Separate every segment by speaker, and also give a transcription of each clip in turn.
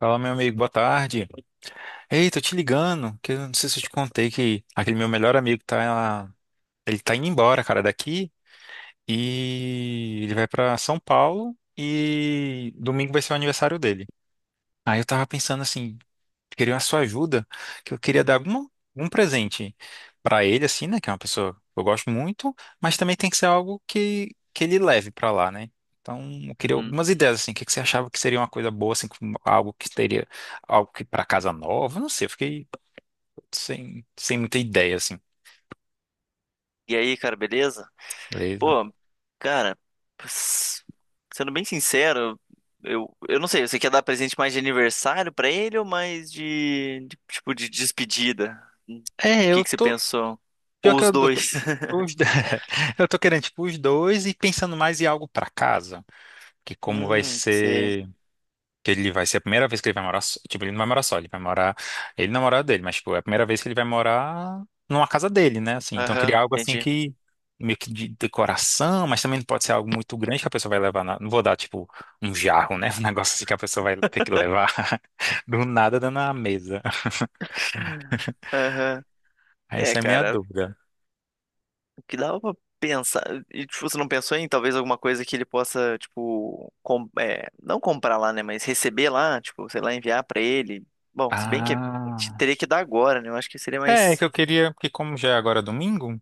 Speaker 1: Fala, meu amigo, boa tarde. Ei, tô te ligando, que eu não sei se eu te contei que aquele meu melhor amigo tá, ele tá indo embora, cara, daqui e ele vai pra São Paulo e domingo vai ser o aniversário dele. Aí eu tava pensando assim, queria a sua ajuda, que eu queria dar algum presente pra ele, assim, né? Que é uma pessoa que eu gosto muito, mas também tem que ser algo que ele leve pra lá, né? Então, eu queria
Speaker 2: Uhum.
Speaker 1: algumas ideias, assim, o que que você achava que seria uma coisa boa, assim, com algo que teria, algo que pra casa nova, não sei, eu fiquei sem muita ideia, assim,
Speaker 2: E aí, cara, beleza?
Speaker 1: beleza?
Speaker 2: Pô, cara, s- sendo bem sincero, eu não sei, você quer dar presente mais de aniversário pra ele ou mais de, tipo de despedida? O
Speaker 1: É,
Speaker 2: que
Speaker 1: eu
Speaker 2: que você
Speaker 1: tô,
Speaker 2: pensou?
Speaker 1: pior
Speaker 2: Ou
Speaker 1: que eu,
Speaker 2: os
Speaker 1: eu tô,
Speaker 2: dois?
Speaker 1: os, do- eu tô querendo, tipo, os dois e pensando mais em algo pra casa, que como vai
Speaker 2: Sei.
Speaker 1: ser. Que ele vai ser a primeira vez que ele vai morar, tipo, ele não vai morar só, ele vai morar, ele na morada dele, mas tipo, é a primeira vez que ele vai morar numa casa dele, né, assim. Então
Speaker 2: Aham,
Speaker 1: queria algo assim
Speaker 2: entendi.
Speaker 1: que meio que de decoração, mas também não pode ser algo muito grande que a pessoa vai levar na... Não vou dar tipo um jarro, né? Um negócio assim que a pessoa vai ter que levar do nada dando na mesa.
Speaker 2: Aham. É,
Speaker 1: Essa é a minha
Speaker 2: cara,
Speaker 1: dúvida.
Speaker 2: que dava pra pensar. E, tipo, você não pensou em talvez alguma coisa que ele possa, tipo, não comprar lá, né? Mas receber lá, tipo, sei lá, enviar pra ele. Bom, se bem que
Speaker 1: Ah.
Speaker 2: teria que dar agora, né? Eu acho que seria
Speaker 1: É, é
Speaker 2: mais.
Speaker 1: que eu queria, porque como já é agora domingo,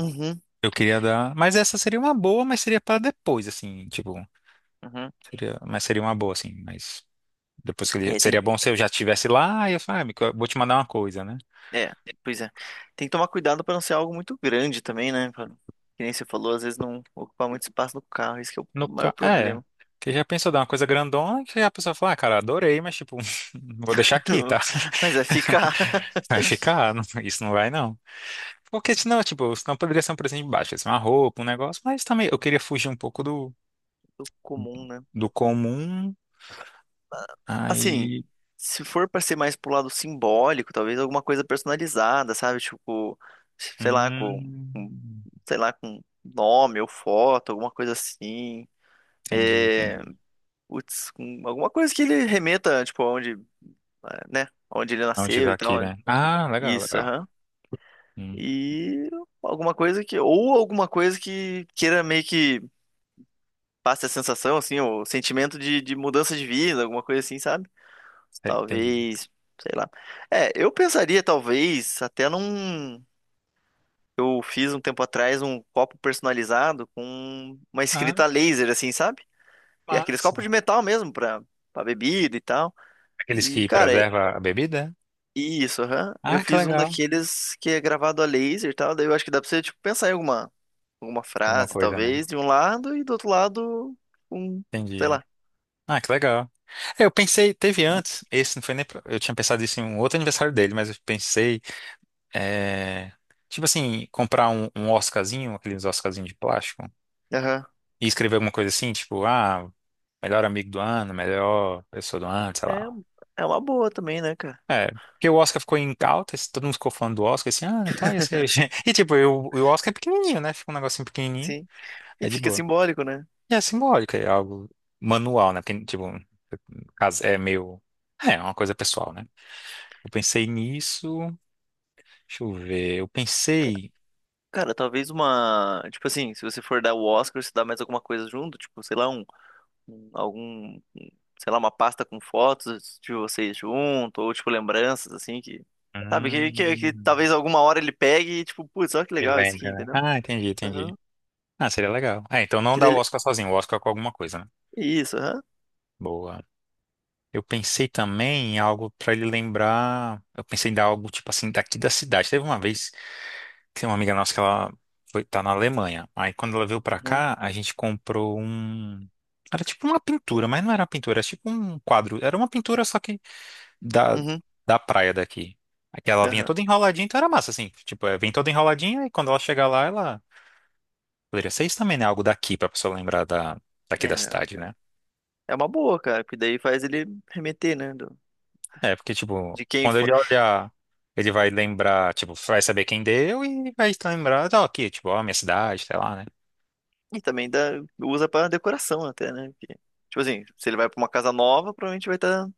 Speaker 2: Uhum,
Speaker 1: eu queria dar, mas essa seria uma boa, mas seria para depois, assim, tipo,
Speaker 2: uhum.
Speaker 1: seria, mas seria uma boa assim, mas depois que ele...
Speaker 2: É, tem.
Speaker 1: Seria bom se eu já estivesse lá e eu falo, ah, amigo, eu vou te mandar uma coisa, né?
Speaker 2: É, pois é. Tem que tomar cuidado pra não ser algo muito grande também, né? Que nem você falou, às vezes não ocupar muito espaço no carro. Esse que é o
Speaker 1: No
Speaker 2: maior
Speaker 1: ca... É.
Speaker 2: problema.
Speaker 1: Que já pensou dar uma coisa grandona que a pessoa fala, ah, cara, adorei, mas tipo, não vou deixar aqui, tá?
Speaker 2: Mas vai ficar.
Speaker 1: Vai ficar, isso não vai não. Porque senão, tipo, senão poderia ser um presente de baixo, ia uma roupa, um negócio, mas também eu queria fugir um pouco do,
Speaker 2: Comum, né?
Speaker 1: do comum.
Speaker 2: Assim,
Speaker 1: Aí.
Speaker 2: se for pra ser mais pro lado simbólico, talvez alguma coisa personalizada, sabe? Tipo, sei lá,
Speaker 1: Hum,
Speaker 2: com- sei lá, com nome ou foto, alguma coisa assim.
Speaker 1: entendi.
Speaker 2: É,
Speaker 1: Entendi.
Speaker 2: putz, com alguma coisa que ele remeta, tipo, aonde, é, né? Onde ele
Speaker 1: Não
Speaker 2: nasceu
Speaker 1: tiver
Speaker 2: e tal.
Speaker 1: aqui, né? Ah, legal,
Speaker 2: Isso,
Speaker 1: legal.
Speaker 2: aham.
Speaker 1: Hum,
Speaker 2: E alguma coisa que, ou alguma coisa que queira meio que passe a sensação, assim, o sentimento de mudança de vida, alguma coisa assim, sabe?
Speaker 1: sei, entendi.
Speaker 2: Talvez, sei lá. É, eu pensaria, talvez, até num. Eu fiz um tempo atrás um copo personalizado com uma
Speaker 1: Ah,
Speaker 2: escrita a laser, assim, sabe? E aqueles copos de
Speaker 1: massa.
Speaker 2: metal mesmo, pra bebida e tal.
Speaker 1: Aqueles
Speaker 2: E,
Speaker 1: que
Speaker 2: cara,
Speaker 1: preserva a bebida?
Speaker 2: isso, aham. Eu
Speaker 1: Ah, que
Speaker 2: fiz um
Speaker 1: legal.
Speaker 2: daqueles que é gravado a laser e tal. Daí eu acho que dá pra você, tipo, pensar em alguma
Speaker 1: Alguma
Speaker 2: frase,
Speaker 1: coisa, né?
Speaker 2: talvez, de um lado e do outro lado, um, sei
Speaker 1: Entendi.
Speaker 2: lá.
Speaker 1: Ah, que legal. É, eu pensei, teve antes, esse não foi nem. Eu tinha pensado isso em um outro aniversário dele, mas eu pensei, é, tipo assim, comprar um Oscarzinho, aqueles Oscarzinhos de plástico,
Speaker 2: Aham.
Speaker 1: e escrever alguma coisa assim, tipo, ah, melhor amigo do ano, melhor pessoa do ano, sei
Speaker 2: É,
Speaker 1: lá.
Speaker 2: é uma boa também, né, cara?
Speaker 1: É, porque o Oscar ficou em alta, todo mundo ficou falando do Oscar, assim, ah, e tal, ia ser. E tipo, eu, o Oscar é pequenininho, né? Fica um negocinho pequenininho,
Speaker 2: Sim. E
Speaker 1: é de
Speaker 2: fica
Speaker 1: boa.
Speaker 2: simbólico, né?
Speaker 1: É simbólica, é algo manual, né? Porque, tipo, no caso, é meio. É, é uma coisa pessoal, né? Eu pensei nisso. Deixa eu ver. Eu pensei.
Speaker 2: Cara, talvez uma. Tipo assim, se você for dar o Oscar, você dá mais alguma coisa junto, tipo, sei lá, um- algum. um, sei lá, uma pasta com fotos de vocês junto, ou tipo, lembranças, assim, que. Sabe, que
Speaker 1: Hum,
Speaker 2: talvez alguma hora ele pegue e, tipo, putz, olha que
Speaker 1: me
Speaker 2: legal esse aqui,
Speaker 1: lembra, né?
Speaker 2: entendeu?
Speaker 1: Ah, entendi, entendi.
Speaker 2: Aham.
Speaker 1: Ah, seria legal. É, então não
Speaker 2: Que
Speaker 1: dá o
Speaker 2: dele...
Speaker 1: Oscar sozinho, o Oscar é com alguma coisa, né?
Speaker 2: Isso, aham.
Speaker 1: Boa. Eu pensei também em algo pra ele lembrar. Eu pensei em dar algo, tipo assim, daqui da cidade. Teve uma vez. Tem uma amiga nossa que ela foi, tá na Alemanha. Aí quando ela veio pra
Speaker 2: Uhum.
Speaker 1: cá, a gente comprou um. Era tipo uma pintura, mas não era uma pintura, era tipo um quadro. Era uma pintura só que da,
Speaker 2: Uhum.
Speaker 1: da praia daqui. Aqui ela vinha
Speaker 2: Aham.
Speaker 1: toda enroladinha, então era massa, assim. Tipo, é, vem toda enroladinha e quando ela chegar lá, ela. Poderia ser isso também, né? Algo daqui pra pessoa lembrar da, daqui da
Speaker 2: É,
Speaker 1: cidade, né?
Speaker 2: é uma boa, cara, porque daí faz ele remeter, né?
Speaker 1: É, porque, tipo,
Speaker 2: De quem
Speaker 1: quando
Speaker 2: foi.
Speaker 1: ele olhar, ele vai lembrar, tipo, vai saber quem deu e vai lembrar, ó, aqui, tipo, ó, minha cidade, sei lá, né?
Speaker 2: E também dá, usa pra decoração até, né? Porque, tipo assim, se ele vai pra uma casa nova, provavelmente vai estar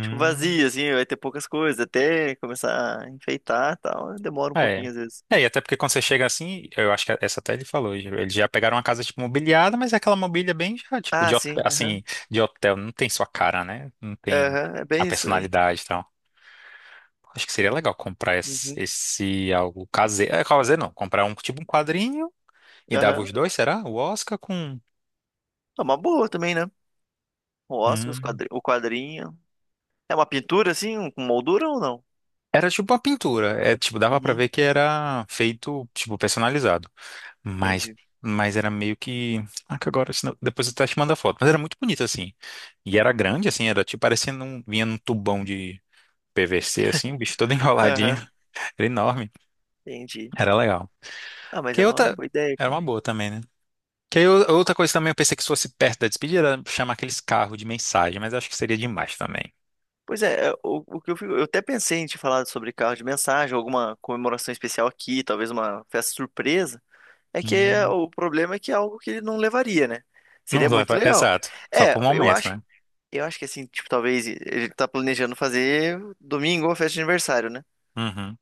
Speaker 2: tipo, vazia, assim, vai ter poucas coisas, até começar a enfeitar e tal. Demora um
Speaker 1: É.
Speaker 2: pouquinho às vezes.
Speaker 1: É, e até porque quando você chega assim, eu acho que essa até ele falou, eles já pegaram uma casa, tipo, mobiliada, mas é aquela mobília bem, já, tipo,
Speaker 2: Ah,
Speaker 1: de hotel,
Speaker 2: sim. Aham,
Speaker 1: assim, de hotel, não tem sua cara, né? Não tem
Speaker 2: Aham, é
Speaker 1: a
Speaker 2: bem isso mesmo.
Speaker 1: personalidade e tal. Acho que seria legal comprar esse,
Speaker 2: Uhum.
Speaker 1: esse algo caseiro, é, caseiro não, comprar um, tipo, um quadrinho e dava
Speaker 2: Aham.
Speaker 1: os dois, será? O Oscar com...
Speaker 2: É uma boa também, né? O Oscar,
Speaker 1: com-
Speaker 2: o quadrinho. É uma pintura, assim, um, com moldura ou não?
Speaker 1: Era tipo uma pintura, é, tipo, dava pra
Speaker 2: Uhum.
Speaker 1: ver que era feito, tipo, personalizado. Mas,
Speaker 2: Entendi.
Speaker 1: mas era meio que. Ah, que agora, depois eu até te mando a foto. Mas era muito bonito, assim. E era
Speaker 2: Uhum.
Speaker 1: grande, assim, era tipo parecendo um. Vinha num tubão de PVC, assim, o bicho todo enroladinho.
Speaker 2: Aham,
Speaker 1: Era enorme.
Speaker 2: entendi.
Speaker 1: Era legal.
Speaker 2: Ah, mas é
Speaker 1: Que
Speaker 2: uma
Speaker 1: outra.
Speaker 2: boa ideia.
Speaker 1: Era uma boa também, né? Que aí outra coisa também eu pensei que fosse perto da despedida era chamar aqueles carros de mensagem, mas acho que seria demais também.
Speaker 2: Pois é, é, o que eu, fico- eu até pensei em te falar sobre carro de mensagem, alguma comemoração especial aqui, talvez uma festa surpresa. É que é-
Speaker 1: Hum,
Speaker 2: o problema é que é algo que ele não levaria, né?
Speaker 1: não
Speaker 2: Seria muito
Speaker 1: leva.
Speaker 2: legal.
Speaker 1: Exato. Só
Speaker 2: É,
Speaker 1: por
Speaker 2: eu
Speaker 1: momento,
Speaker 2: acho,
Speaker 1: né?
Speaker 2: eu acho que assim, tipo, talvez ele tá planejando fazer domingo uma festa de aniversário, né?
Speaker 1: Uhum.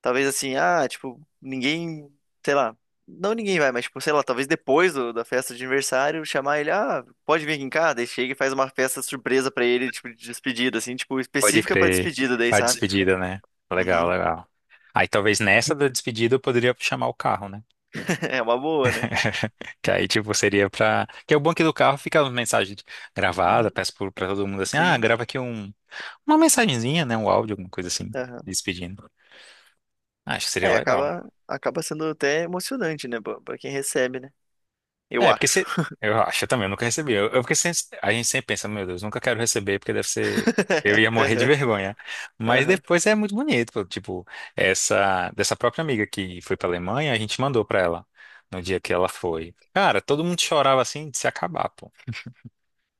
Speaker 2: Talvez assim, ah, tipo, ninguém, sei lá, não ninguém vai, mas tipo, sei lá, talvez depois da festa de aniversário, chamar ele, ah, pode vir aqui em casa, daí chega e faz uma festa surpresa pra ele, tipo, de despedida, assim, tipo,
Speaker 1: Pode
Speaker 2: específica pra
Speaker 1: crer.
Speaker 2: despedida, daí,
Speaker 1: A
Speaker 2: sabe?
Speaker 1: despedida, né? Legal,
Speaker 2: Uhum.
Speaker 1: legal. Aí talvez nessa da despedida eu poderia chamar o carro, né?
Speaker 2: É uma boa, né?
Speaker 1: Que aí, tipo, seria pra. Que é o banco do carro fica uma mensagem gravada,
Speaker 2: Uhum.
Speaker 1: peço pra todo mundo assim, ah,
Speaker 2: Sim.
Speaker 1: grava aqui um... uma mensagenzinha, né? Um áudio, alguma coisa assim,
Speaker 2: Aham.
Speaker 1: despedindo. Acho que seria
Speaker 2: É,
Speaker 1: legal.
Speaker 2: acaba sendo até emocionante, né, pra quem recebe, né? Eu
Speaker 1: É, porque
Speaker 2: acho.
Speaker 1: se. Eu acho eu também, eu nunca recebi. Eu, porque sem- a gente sempre pensa, meu Deus, nunca quero receber, porque deve ser. Eu ia morrer de
Speaker 2: Aham.
Speaker 1: vergonha. Mas
Speaker 2: Aham.
Speaker 1: depois é muito bonito, pô. Tipo, essa dessa própria amiga que foi pra Alemanha, a gente mandou pra ela no dia que ela foi. Cara, todo mundo chorava assim de se acabar, pô.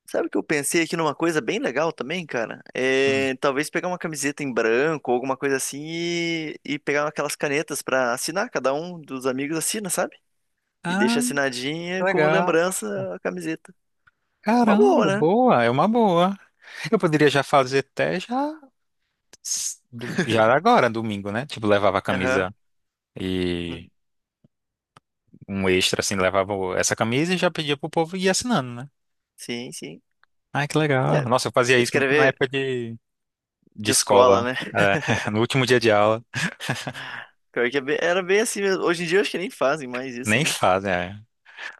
Speaker 2: Sabe o que eu pensei aqui numa coisa bem legal também, cara? É, talvez pegar uma camiseta em branco ou alguma coisa assim e pegar aquelas canetas pra assinar. Cada um dos amigos assina, sabe? E deixa
Speaker 1: Hum.
Speaker 2: assinadinha como
Speaker 1: Legal.
Speaker 2: lembrança a camiseta. Uma boa,
Speaker 1: Caramba,
Speaker 2: né?
Speaker 1: boa, é uma boa. Eu poderia já fazer até já, já agora, domingo, né? Tipo, levava a
Speaker 2: Aham.
Speaker 1: camisa e
Speaker 2: Hum,
Speaker 1: um extra, assim, levava essa camisa e já pedia pro povo ir assinando, né?
Speaker 2: sim, sim.
Speaker 1: Ai, que legal.
Speaker 2: É,
Speaker 1: Nossa, eu fazia isso muito na
Speaker 2: escrever
Speaker 1: época de
Speaker 2: de escola,
Speaker 1: escola,
Speaker 2: né?
Speaker 1: é, no último dia de aula.
Speaker 2: Pior que era bem assim mesmo. Hoje em dia eu acho que nem fazem mais isso,
Speaker 1: Nem
Speaker 2: né?
Speaker 1: fazem, é.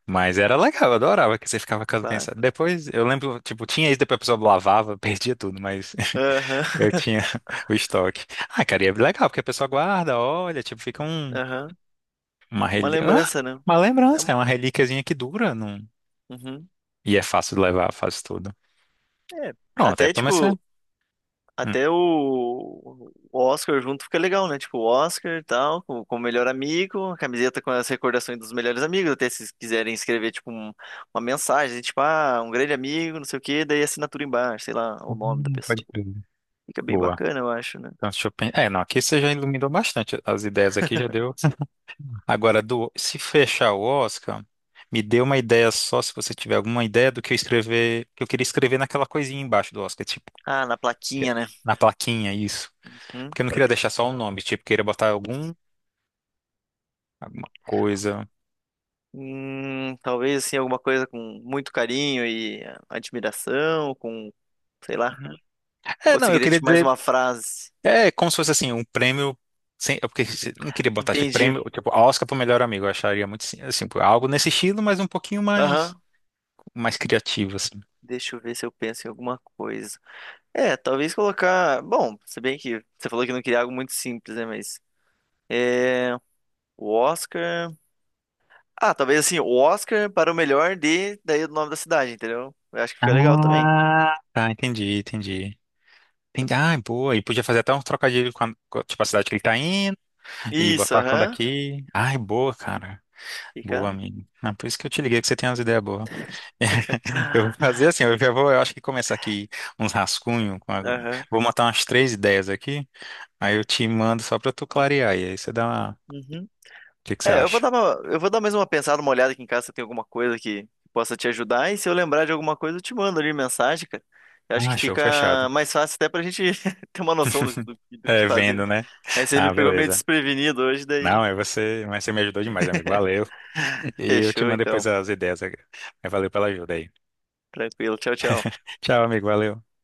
Speaker 1: Mas era legal, eu adorava que você ficava com as
Speaker 2: Claro.
Speaker 1: mensagens. Depois, eu lembro, tipo, tinha isso, depois a pessoa lavava, perdia tudo, mas
Speaker 2: Aham,
Speaker 1: eu tinha o estoque. Ah, cara, e é legal, porque a pessoa guarda, olha, tipo, fica um,
Speaker 2: aham.
Speaker 1: uma
Speaker 2: Uma
Speaker 1: relíquia. Ah,
Speaker 2: lembrança, né?
Speaker 1: uma
Speaker 2: É,
Speaker 1: lembrança, é uma relíquiazinha que dura. Não...
Speaker 2: uhum.
Speaker 1: E é fácil de levar, faz tudo.
Speaker 2: É,
Speaker 1: Pronto, é
Speaker 2: até
Speaker 1: pra você.
Speaker 2: tipo.
Speaker 1: Hum.
Speaker 2: Até o Oscar junto fica legal, né? Tipo, o Oscar e tal, com o melhor amigo, a camiseta com as recordações dos melhores amigos, até se quiserem escrever, tipo, uma mensagem, tipo, ah, um grande amigo, não sei o quê, daí assinatura embaixo, sei lá, o nome da pessoa.
Speaker 1: Pode crer.
Speaker 2: Fica bem
Speaker 1: Boa.
Speaker 2: bacana, eu acho, né?
Speaker 1: Então, deixa eu pensar. É, não, aqui você já iluminou bastante. As ideias aqui já deu. Agora, do, se fechar o Oscar, me dê uma ideia só, se você tiver alguma ideia do que eu escrever, que eu queria escrever naquela coisinha embaixo do Oscar, tipo,
Speaker 2: Ah, na
Speaker 1: que-
Speaker 2: plaquinha, né?
Speaker 1: na plaquinha, isso.
Speaker 2: Hum?
Speaker 1: Porque eu não queria deixar só o nome, tipo, queria botar algum, alguma coisa.
Speaker 2: Talvez, assim, alguma coisa com muito carinho e admiração, com, sei lá.
Speaker 1: É,
Speaker 2: Ou
Speaker 1: não,
Speaker 2: você
Speaker 1: eu
Speaker 2: queria,
Speaker 1: queria
Speaker 2: tipo, mais
Speaker 1: dizer,
Speaker 2: uma frase?
Speaker 1: é como se fosse assim, um prêmio, sem, é porque não queria botar tipo
Speaker 2: Entendi.
Speaker 1: prêmio, tipo, Oscar pro melhor amigo, eu acharia muito, assim, tipo, algo nesse estilo, mas um pouquinho mais,
Speaker 2: Aham.
Speaker 1: mais criativo, assim.
Speaker 2: Deixa eu ver se eu penso em alguma coisa. É, talvez colocar. Bom, se bem que você falou que não queria algo muito simples, né? Mas. É. O Oscar. Ah, talvez assim, o Oscar para o melhor de. Daí o nome da cidade, entendeu? Eu acho que fica legal também.
Speaker 1: Ah, tá, entendi, entendi. Tem, ai, boa. E podia fazer até um trocadilho com a, tipo, a cidade que ele tá indo e
Speaker 2: Isso,
Speaker 1: botar quando
Speaker 2: aham.
Speaker 1: aqui. Ai, boa, cara. Boa,
Speaker 2: Fica.
Speaker 1: amigo. Ah, por isso que eu te liguei, que você tem umas ideias boas. Eu vou fazer assim, eu já vou, eu acho que começar aqui uns rascunhos.
Speaker 2: Aham.
Speaker 1: Vou montar umas 3 ideias aqui, aí eu te mando só pra tu clarear. E aí você dá uma. O
Speaker 2: Uhum.
Speaker 1: que que você
Speaker 2: É,
Speaker 1: acha?
Speaker 2: eu vou dar mais uma pensada, uma olhada aqui em casa se tem alguma coisa que possa te ajudar. E se eu lembrar de alguma coisa, eu te mando ali mensagem, cara. Eu acho que
Speaker 1: Ah, show, fechado.
Speaker 2: fica mais fácil até pra gente ter uma noção do que
Speaker 1: É,
Speaker 2: fazer, né?
Speaker 1: vendo, né?
Speaker 2: Aí você me
Speaker 1: Ah,
Speaker 2: pegou meio
Speaker 1: beleza.
Speaker 2: desprevenido hoje, daí.
Speaker 1: Não, é você, mas você me ajudou demais, amigo. Valeu. E eu te
Speaker 2: Fechou
Speaker 1: mando
Speaker 2: então.
Speaker 1: depois as ideias. Mas valeu pela ajuda aí.
Speaker 2: Tranquilo. Tchau, tchau.
Speaker 1: Tchau, amigo. Valeu.